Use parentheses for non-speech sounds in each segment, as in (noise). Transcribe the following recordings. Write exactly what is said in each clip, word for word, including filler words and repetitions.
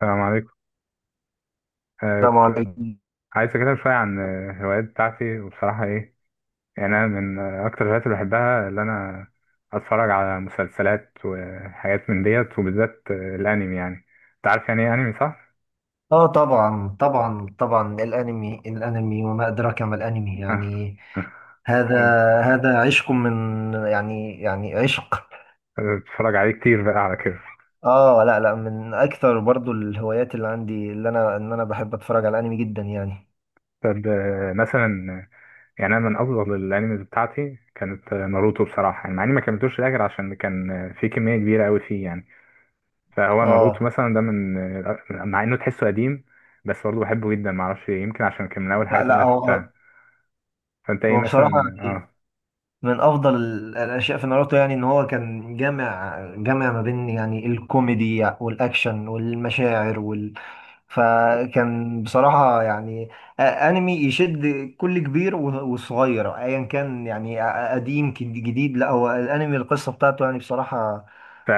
السلام عليكم. آه السلام كنت عليكم. عايز أكلمك شوية عن آه، الهوايات بتاعتي، وبصراحة إيه يعني، أنا من آه، أكتر الهوايات اللي بحبها اللي أنا أتفرج على مسلسلات وحاجات من ديت، وبالذات آه، الأنمي. يعني أنت عارف يعني إيه أنمي صح؟ اه، طبعا طبعا طبعا. الانمي الانمي وما ادراك ما الانمي، (laughs) آه، يعني هذا آه، هذا عشق، من يعني يعني عشق. أيوه، بتفرج عليه كتير بقى على كده. اه، لا لا، من اكثر برضو الهوايات اللي عندي، اللي انا ان انا بحب اتفرج على الانمي جدا يعني. طب آه، مثلا آه، يعني أنا من أفضل الأنميز بتاعتي كانت آه، ناروتو بصراحة، يعني مع إني ما كملتوش للآخر عشان كان آه، في كمية كبيرة أوي فيه يعني. فهو ناروتو اه مثلا ده من، مع انه تحسه قديم بس برضه بحبه جدا، معرفش ليه، يمكن عشان كان من اول لا الحاجات اللي لا، انا هو شفتها. فانت ايه هو بصراحة مثلا؟ يعني اه من افضل ال- الاشياء في ناروتو، يعني ان هو كان جامع جامع ما بين يعني الكوميدي والاكشن والمشاعر. فكان بصراحة يعني آه، أنمي يشد كل كبير و- وصغير أيا كان، يعني آه، آه، قديم كد- جديد. لا، هو الأنمي القصة بتاعته يعني بصراحة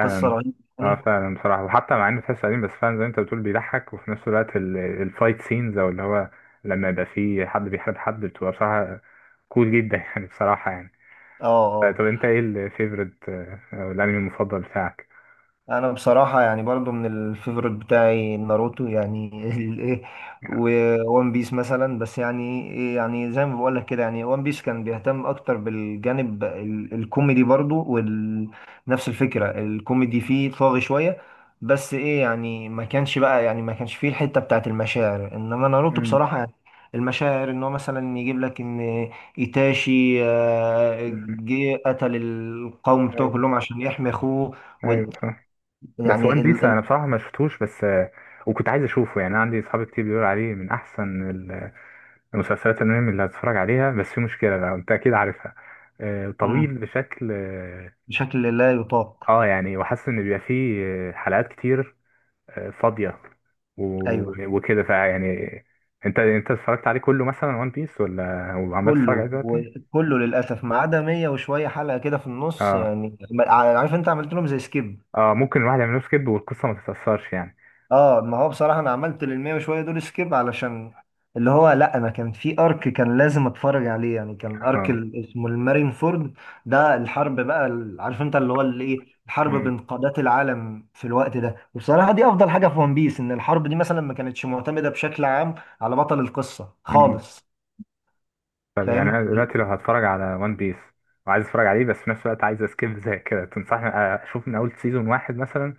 قصة رهيبة اه يعني. فعلا بصراحة، وحتى مع انه تحسه قديم بس فعلا زي ما انت بتقول، بيضحك وفي نفس الوقت ال- الفايت سينز او اللي هو لما يبقى فيه حد بيحارب حد، بتبقى بصراحة كول جدا. (laughs) يعني بصراحة يعني. اه آه، اه، طب انت ايه الفيفورت او الانمي المفضل بتاعك؟ انا بصراحه يعني برضو من الفيفوريت بتاعي ناروتو يعني (laughs) الايه، وون بيس مثلا. بس يعني إيه، يعني زي ما بقول لك كده، يعني وان بيس كان بيهتم اكتر بالجانب ال- الكوميدي، برضو ونفس الفكره الكوميدي فيه طاغي شويه. بس ايه يعني، ما كانش بقى يعني ما كانش فيه الحته بتاعت المشاعر، انما ناروتو مم. بصراحه يعني المشاعر، ان هو مثلا يجيب لك ان ايتاشي آه، مم. جه قتل القوم بتوعه ايوه. كلهم عشان يحمي اخوه. ايوه. بس وان يعني بيس ال... ال... انا بصراحه ما شفتوش، بس آه، وكنت عايز اشوفه، يعني انا عندي اصحاب كتير بيقولوا عليه من احسن ال- المسلسلات الانمي اللي هتتفرج عليها، بس في مشكله بقى انت اكيد عارفها. آه، طويل مم. بشكل اه بشكل لا يطاق. آه، يعني، وحاسس ان بيبقى فيه آه، حلقات كتير آه، فاضيه ايوه، و- وكده فيعني، انت انت اتفرجت عليه كله مثلا وان بيس، ولا وعمال تتفرج عليه كله دلوقتي؟ وكله للاسف ما عدا مية وشويه حلقه كده في النص، اه. يعني ما- عارف انت عملت لهم زي سكيب. اه. ممكن الواحد يعمل له سكيب والقصه ما تتاثرش يعني. اه، ما هو بصراحه انا عملت لل مية وشويه دول سكيب، علشان اللي هو لا، انا كان في ارك كان لازم اتفرج عليه، يعني كان ارك اه. ال- اسمه المارين فورد. ده الحرب بقى ال- عارف انت، اللي هو اللي ايه، الحرب بين قادات العالم في الوقت ده. وبصراحه دي افضل حاجه في ون بيس، ان الحرب دي مثلا ما كانتش معتمده بشكل عام على بطل القصة مم. خالص. طب يعني فاهم. انا دلوقتي لو هتفرج على وان بيس وعايز اتفرج عليه، بس في نفس الوقت عايز اسكيب (laughs) زي كده، تنصحني اشوف من اول سيزون واحد مثلا،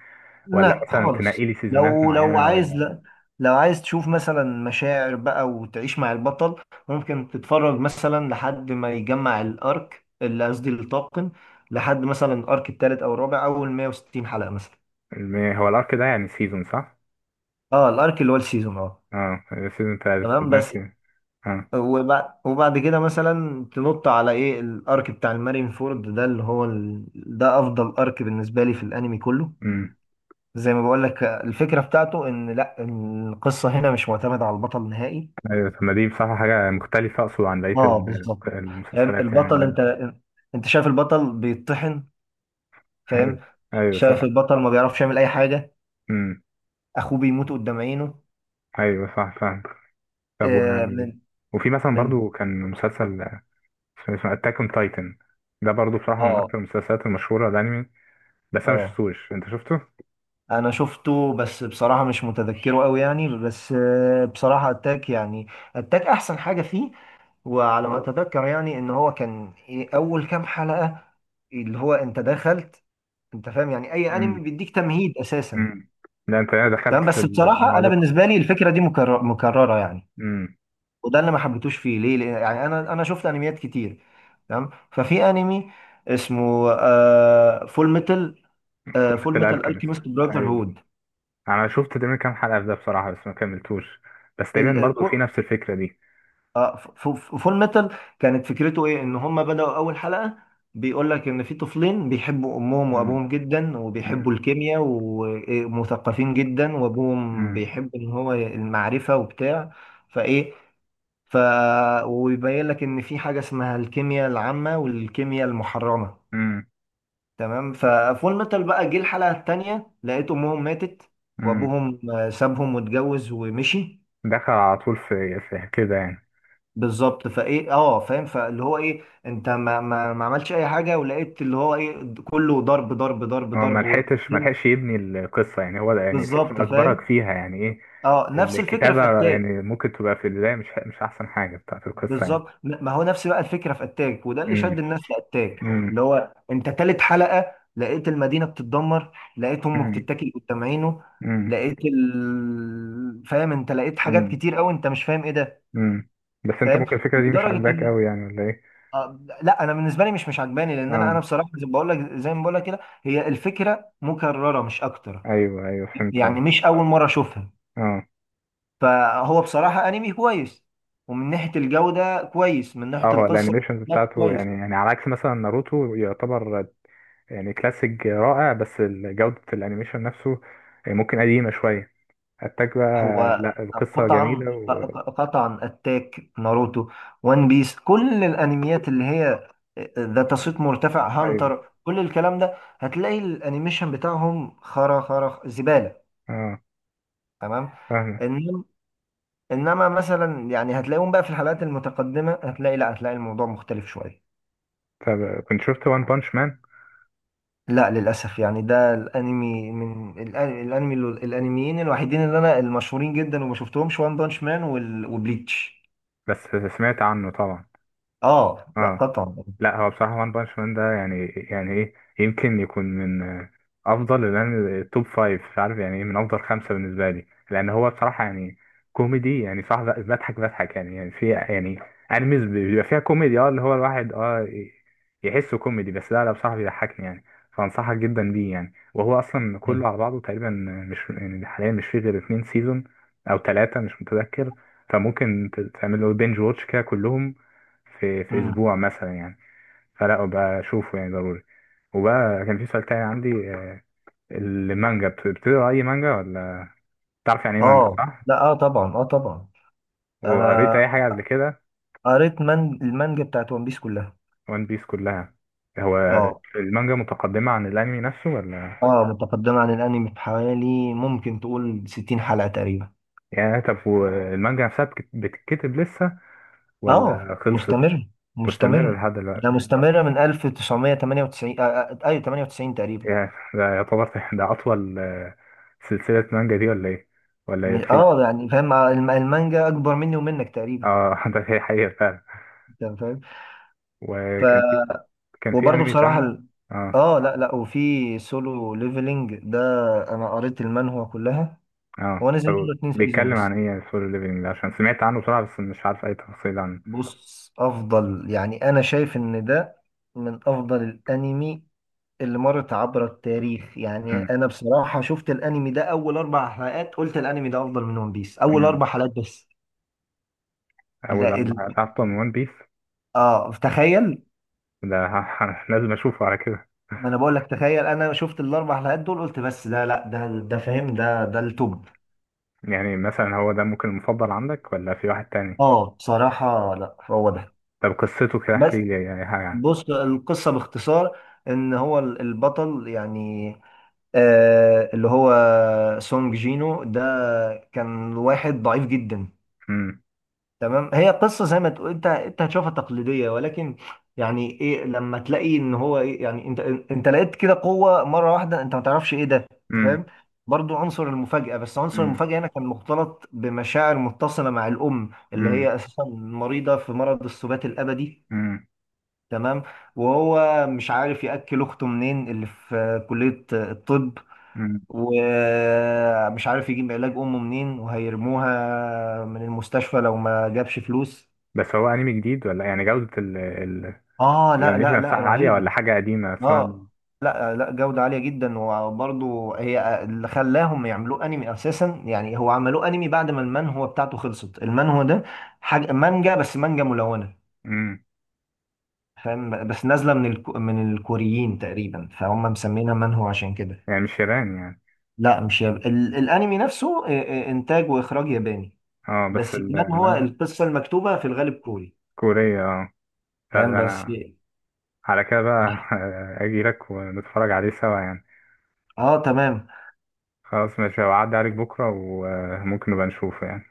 ولا لا مثلا تنقي خالص، لي سيزونات لو لو معينه، عايز، ولا؟ لا لو عايز تشوف مثلا مشاعر بقى وتعيش مع البطل، ممكن تتفرج مثلا لحد ما يجمع الارك، اللي قصدي الطاقم، لحد مثلا الارك الثالث او الرابع، اول مية وستين حلقة مثلا. الم- هو الارك ده يعني سيزون صح؟ اه الارك اللي هو السيزون، اه اه. سيزون تلاتة، طب تمام بس. ماشي. اه. وبعد وبعد كده مثلا تنط على ايه الارك بتاع المارين فورد ده، اللي هو ال... ده افضل ارك بالنسبة لي في الانمي كله. امم. زي ما بقول لك الفكره بتاعته، ان لا، القصه هنا مش معتمده على البطل نهائي. ايوه. طب ما دي بصراحه حاجه مختلفه، اقصد عن بقيه اه ال- بالظبط. فاهم المسلسلات يعني البطل، اللي انت أنا-. انت شايف البطل بيتطحن. (laughs) ايوه. فاهم. ايوه صح. شايف البطل ما بيعرفش يعمل اي حاجه. امم. اخوه بيموت قدام عينه. ايوه صح فاهم. طب و... آه من وفي مثلا من برضو كان مسلسل، فيلم اسمه اتاك اون تايتن، ده برضو بصراحة من اه أكتر المسلسلات المشهورة الأنمي، بس أنا اه، مشفتوش، أنت شفته؟ انا شفته بس بصراحه مش متذكره قوي يعني. بس آه بصراحه اتاك يعني، اتاك احسن حاجه فيه. وعلى ما اتذكر يعني ان هو كان ايه اول كام حلقه، اللي هو انت دخلت. انت فاهم يعني اي انمي امم. بيديك تمهيد اساسا. امم. لا أنت، أنا دخلت تمام، في بس بصراحه انا العمالقة. بالنسبه لي الفكره دي مكرر مكرره يعني، امم. وده اللي ما حبيتوش فيه، ليه لأن- يعني انا انا شفت انميات كتير. تمام، ففي انمي اسمه آه فول ميتال، آه فورة فول ميتال الألكيميست. الكيميست براذر، أيوه. أنا شفت تقريبا كام حلقة في ده بصراحة، بس ما كملتوش، بس تقريبا برضو هود. في نفس الفكرة دي. اه ف- ف- فول ميتال كانت فكرته ايه، ان هم بدأوا اول حلقة بيقول لك ان في طفلين بيحبوا امهم امم. وابوهم جدا، وبيحبوا امم. الكيمياء، ومثقفين جدا، وابوهم امم. بيحب ان هو المعرفة وبتاع. فايه، ف ويبين لك ان في حاجة اسمها الكيمياء العامة والكيمياء المحرمة. امم. تمام، ففول ميتال بقى جه الحلقة التانية لقيت امهم ماتت. امم. وابوهم آه، سابهم واتجوز ومشي. دخل على طول في, في كده يعني. بالظبط، فايه اه، فاهم فاللي هو ايه انت ما ما ما عملش اي حاجه، ولقيت اللي هو ايه كله ضرب ضرب ضرب هو ما ضرب وال- لحقتش ما (laughs) لحقش يبني القصة، يعني هو ده، يعني تحس بالظبط إنه أجبرك فاهم. فيها يعني إيه. اه نفس الفكره في الكتابة اتاك. يعني ممكن تبقى في البداية مش مش أحسن حاجة بتاعت القصة يعني. بالظبط. ن- ما هو نفس بقى الفكره في اتاك، وده اللي شد امم. الناس لاتاك، امم. اللي هو انت تالت حلقه لقيت المدينه بتتدمر، لقيت امه امم. بتتاكل قدام عينه، امم. لقيت ال... فاهم انت، لقيت حاجات امم. كتير قوي انت مش فاهم ايه ده. امم. بس أنت فاهم ممكن الفكرة دي مش لدرجه. عاجباك أوي يعني، ولا إيه؟ آه، لا انا بالنسبه لي مش مش عجباني، لان انا آه انا بصراحه زي ما بقول لك زي ما بقول لك كده، هي الفكره مكرره مش اكتر، أيوه. أيوه فهمت. آه يعني مش اول مره اشوفها. فهو بصراحه انمي كويس، ومن ناحيه الجوده كويس، من ناحيه آه هو القصه الأنيميشنز لا بتاعته كويس. يعني، يعني على عكس مثلا ناروتو، يعتبر يعني كلاسيك رائع، بس ال- جودة الأنيميشن نفسه ممكن قديمة شوية. أتاك بقى هو لا، القصة قطعا جميلة و... قطعا اتاك ناروتو وان بيس، كل الانميات اللي هي ذات صيت مرتفع، أيوه. هانتر، كل الكلام ده، هتلاقي الانيميشن بتاعهم خرا خرا زباله. آه تمام. فاهمة. انما انما مثلا يعني هتلاقيهم بقى في الحلقات المتقدمه، هتلاقي لا هتلاقي الموضوع مختلف شويه. طب كنت شفت وان بانش مان؟ لا للاسف، يعني ده الانمي من الأ- الانمي الانميين الوحيدين اللي انا المشهورين جدا وما شفتهمش، وان بانش مان وبليتش. بس سمعت عنه طبعا. اه لا اه. قطعا. لا هو بصراحة وان بانش مان ده، يعني يعني ايه، يمكن يكون من آه، افضل، لان التوب فايف مش عارف يعني ايه، من افضل خمسة بالنسبة لي، لان هو بصراحة يعني كوميدي، يعني صح، ب- بضحك بضحك يعني يعني في يعني انميز بيبقى فيها كوميدي، اه اللي هو الواحد اه ي- يحسه كوميدي بس، لا لا بصراحة بيضحكني يعني. فانصحك جدا بيه يعني، وهو اصلا كله على بعضه تقريبا مش يعني، حاليا مش فيه غير اتنين سيزون او تلاتة مش متذكر، فممكن ت- تعمل له بينج واتش كده كلهم في في مم. اسبوع مثلا يعني. فلا بقى اشوفه يعني ضروري. وبقى كان في سؤال تاني عندي، آه، المانجا بت- بتقرا اي مانجا، ولا؟ تعرف يعني ايه مانجا اه، صح؟ لا اه طبعا، اه طبعا. وقريت انا اي حاجه قبل كده؟ قريت من المانجا بتاعت ون بيس كلها. وان بيس كلها. هو اه. المانجا متقدمه عن الانمي نفسه، ولا؟ اه متقدمه عن الانمي بحوالي ممكن تقول ستين حلقه تقريبا. يعني طب والمانجا نفسها بتك- بتتكتب لسه اه، ولا خلصت؟ مستمر مستمره مستمر. لحد دلوقتي. ده مستمرة من ألف وتسعمية وتمانية وتسعين، آه، آه، ايوه تمانية وتسعين تقريبا. يعني ده يعتبر، (laughs) ده اطول آه، سلسله مانجا، دي ولا ايه؟ ولا مش- في؟ اه يعني فاهم الم- المانجا اكبر مني ومنك تقريبا، اه (laughs) ده هي حقيقه فعلا. انت فاهم. ف وكان في كان في وبرضه انمي بصراحة تاني. ال- اه. اه لا لا، وفي سولو ليفلينج ده، انا قريت المانهوا كلها. اه هو نزل طب منه اتنين سيزون بيتكلم بس. عن ايه سولو ليفلنج ده؟ عشان سمعت عنه بصراحة بس مش عارف اي تفاصيل عنه. بص افضل يعني، انا شايف ان ده من افضل الانمي اللي مرت عبر التاريخ. يعني امم. انا بصراحة شفت الانمي ده اول اربع حلقات قلت الانمي ده افضل من ون بيس، اول امم. اربع حلقات بس. اول لا اربع ال... حلقات أصلاً من ون بيس اه تخيل. ده! (laughs) لازم اشوفه على كده. ما انا بقول لك تخيل، انا شفت الاربع حلقات دول قلت، بس لا لا، ده ده فاهم ده ده التوب. يعني مثلا هو ده ممكن المفضل عندك، ولا في واحد تاني؟ اه بصراحة، لا هو ده. طب قصته كده بس احكي لي اي حاجة عنه. بص القصة باختصار، ان هو ال- البطل يعني آه اللي هو سونج جينو ده كان واحد ضعيف جدا. امم. تمام، هي قصه زي ما تقول انت، انت هتشوفها تقليديه، ولكن يعني ايه لما تلاقي ان هو ايه، يعني انت انت لقيت كده قوه مره واحده انت ما تعرفش ايه ده، انت امم. فاهم. برضو عنصر المفاجاه، بس عنصر امم. المفاجاه هنا كان مختلط بمشاعر متصله مع الام، اللي امم. هي اساسا مريضه في مرض السبات الابدي. امم. تمام. وهو مش عارف ياكل اخته منين، اللي في كليه الطب، أمم. ومش عارف يجيب علاج امه منين، وهيرموها من المستشفى لو ما جابش فلوس. بس هو انمي جديد ولا يعني جودة ال ال اه لا الانيميشن لا لا، نفسها عالية، رهيبة. ولا حاجة قديمة اصلا؟ اه لا لا، جودة عالية جدا. وبرضو هي آه، اللي خلاهم يعملوه انمي اساسا. يعني هو عملوه انمي بعد ما المانهوا بتاعته خلصت. المانهوا ده حاجة مانجا بس مانجا ملونة. امم. فاهم، بس نازلة من الكو من الكوريين تقريبا، فهم مسمينها مانهوا عشان كده. يعني مش ياباني يعني؟ لا مش ياب... ال... الانمي نفسه آه، آه، انتاج واخراج ياباني. اه بس بس ال- المانهوا، المانجا القصة المكتوبة في الغالب كوري. كورية. اه لا فاهم ده بس. انا على كده بقى، اه (laughs) اجي لك ونتفرج عليه سوا يعني. آه، تمام. خلاص ماشي، هعدي عليك بكرة وممكن نبقى نشوفه يعني.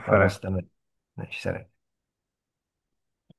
خلاص سلام. تمام. ماشي سلام.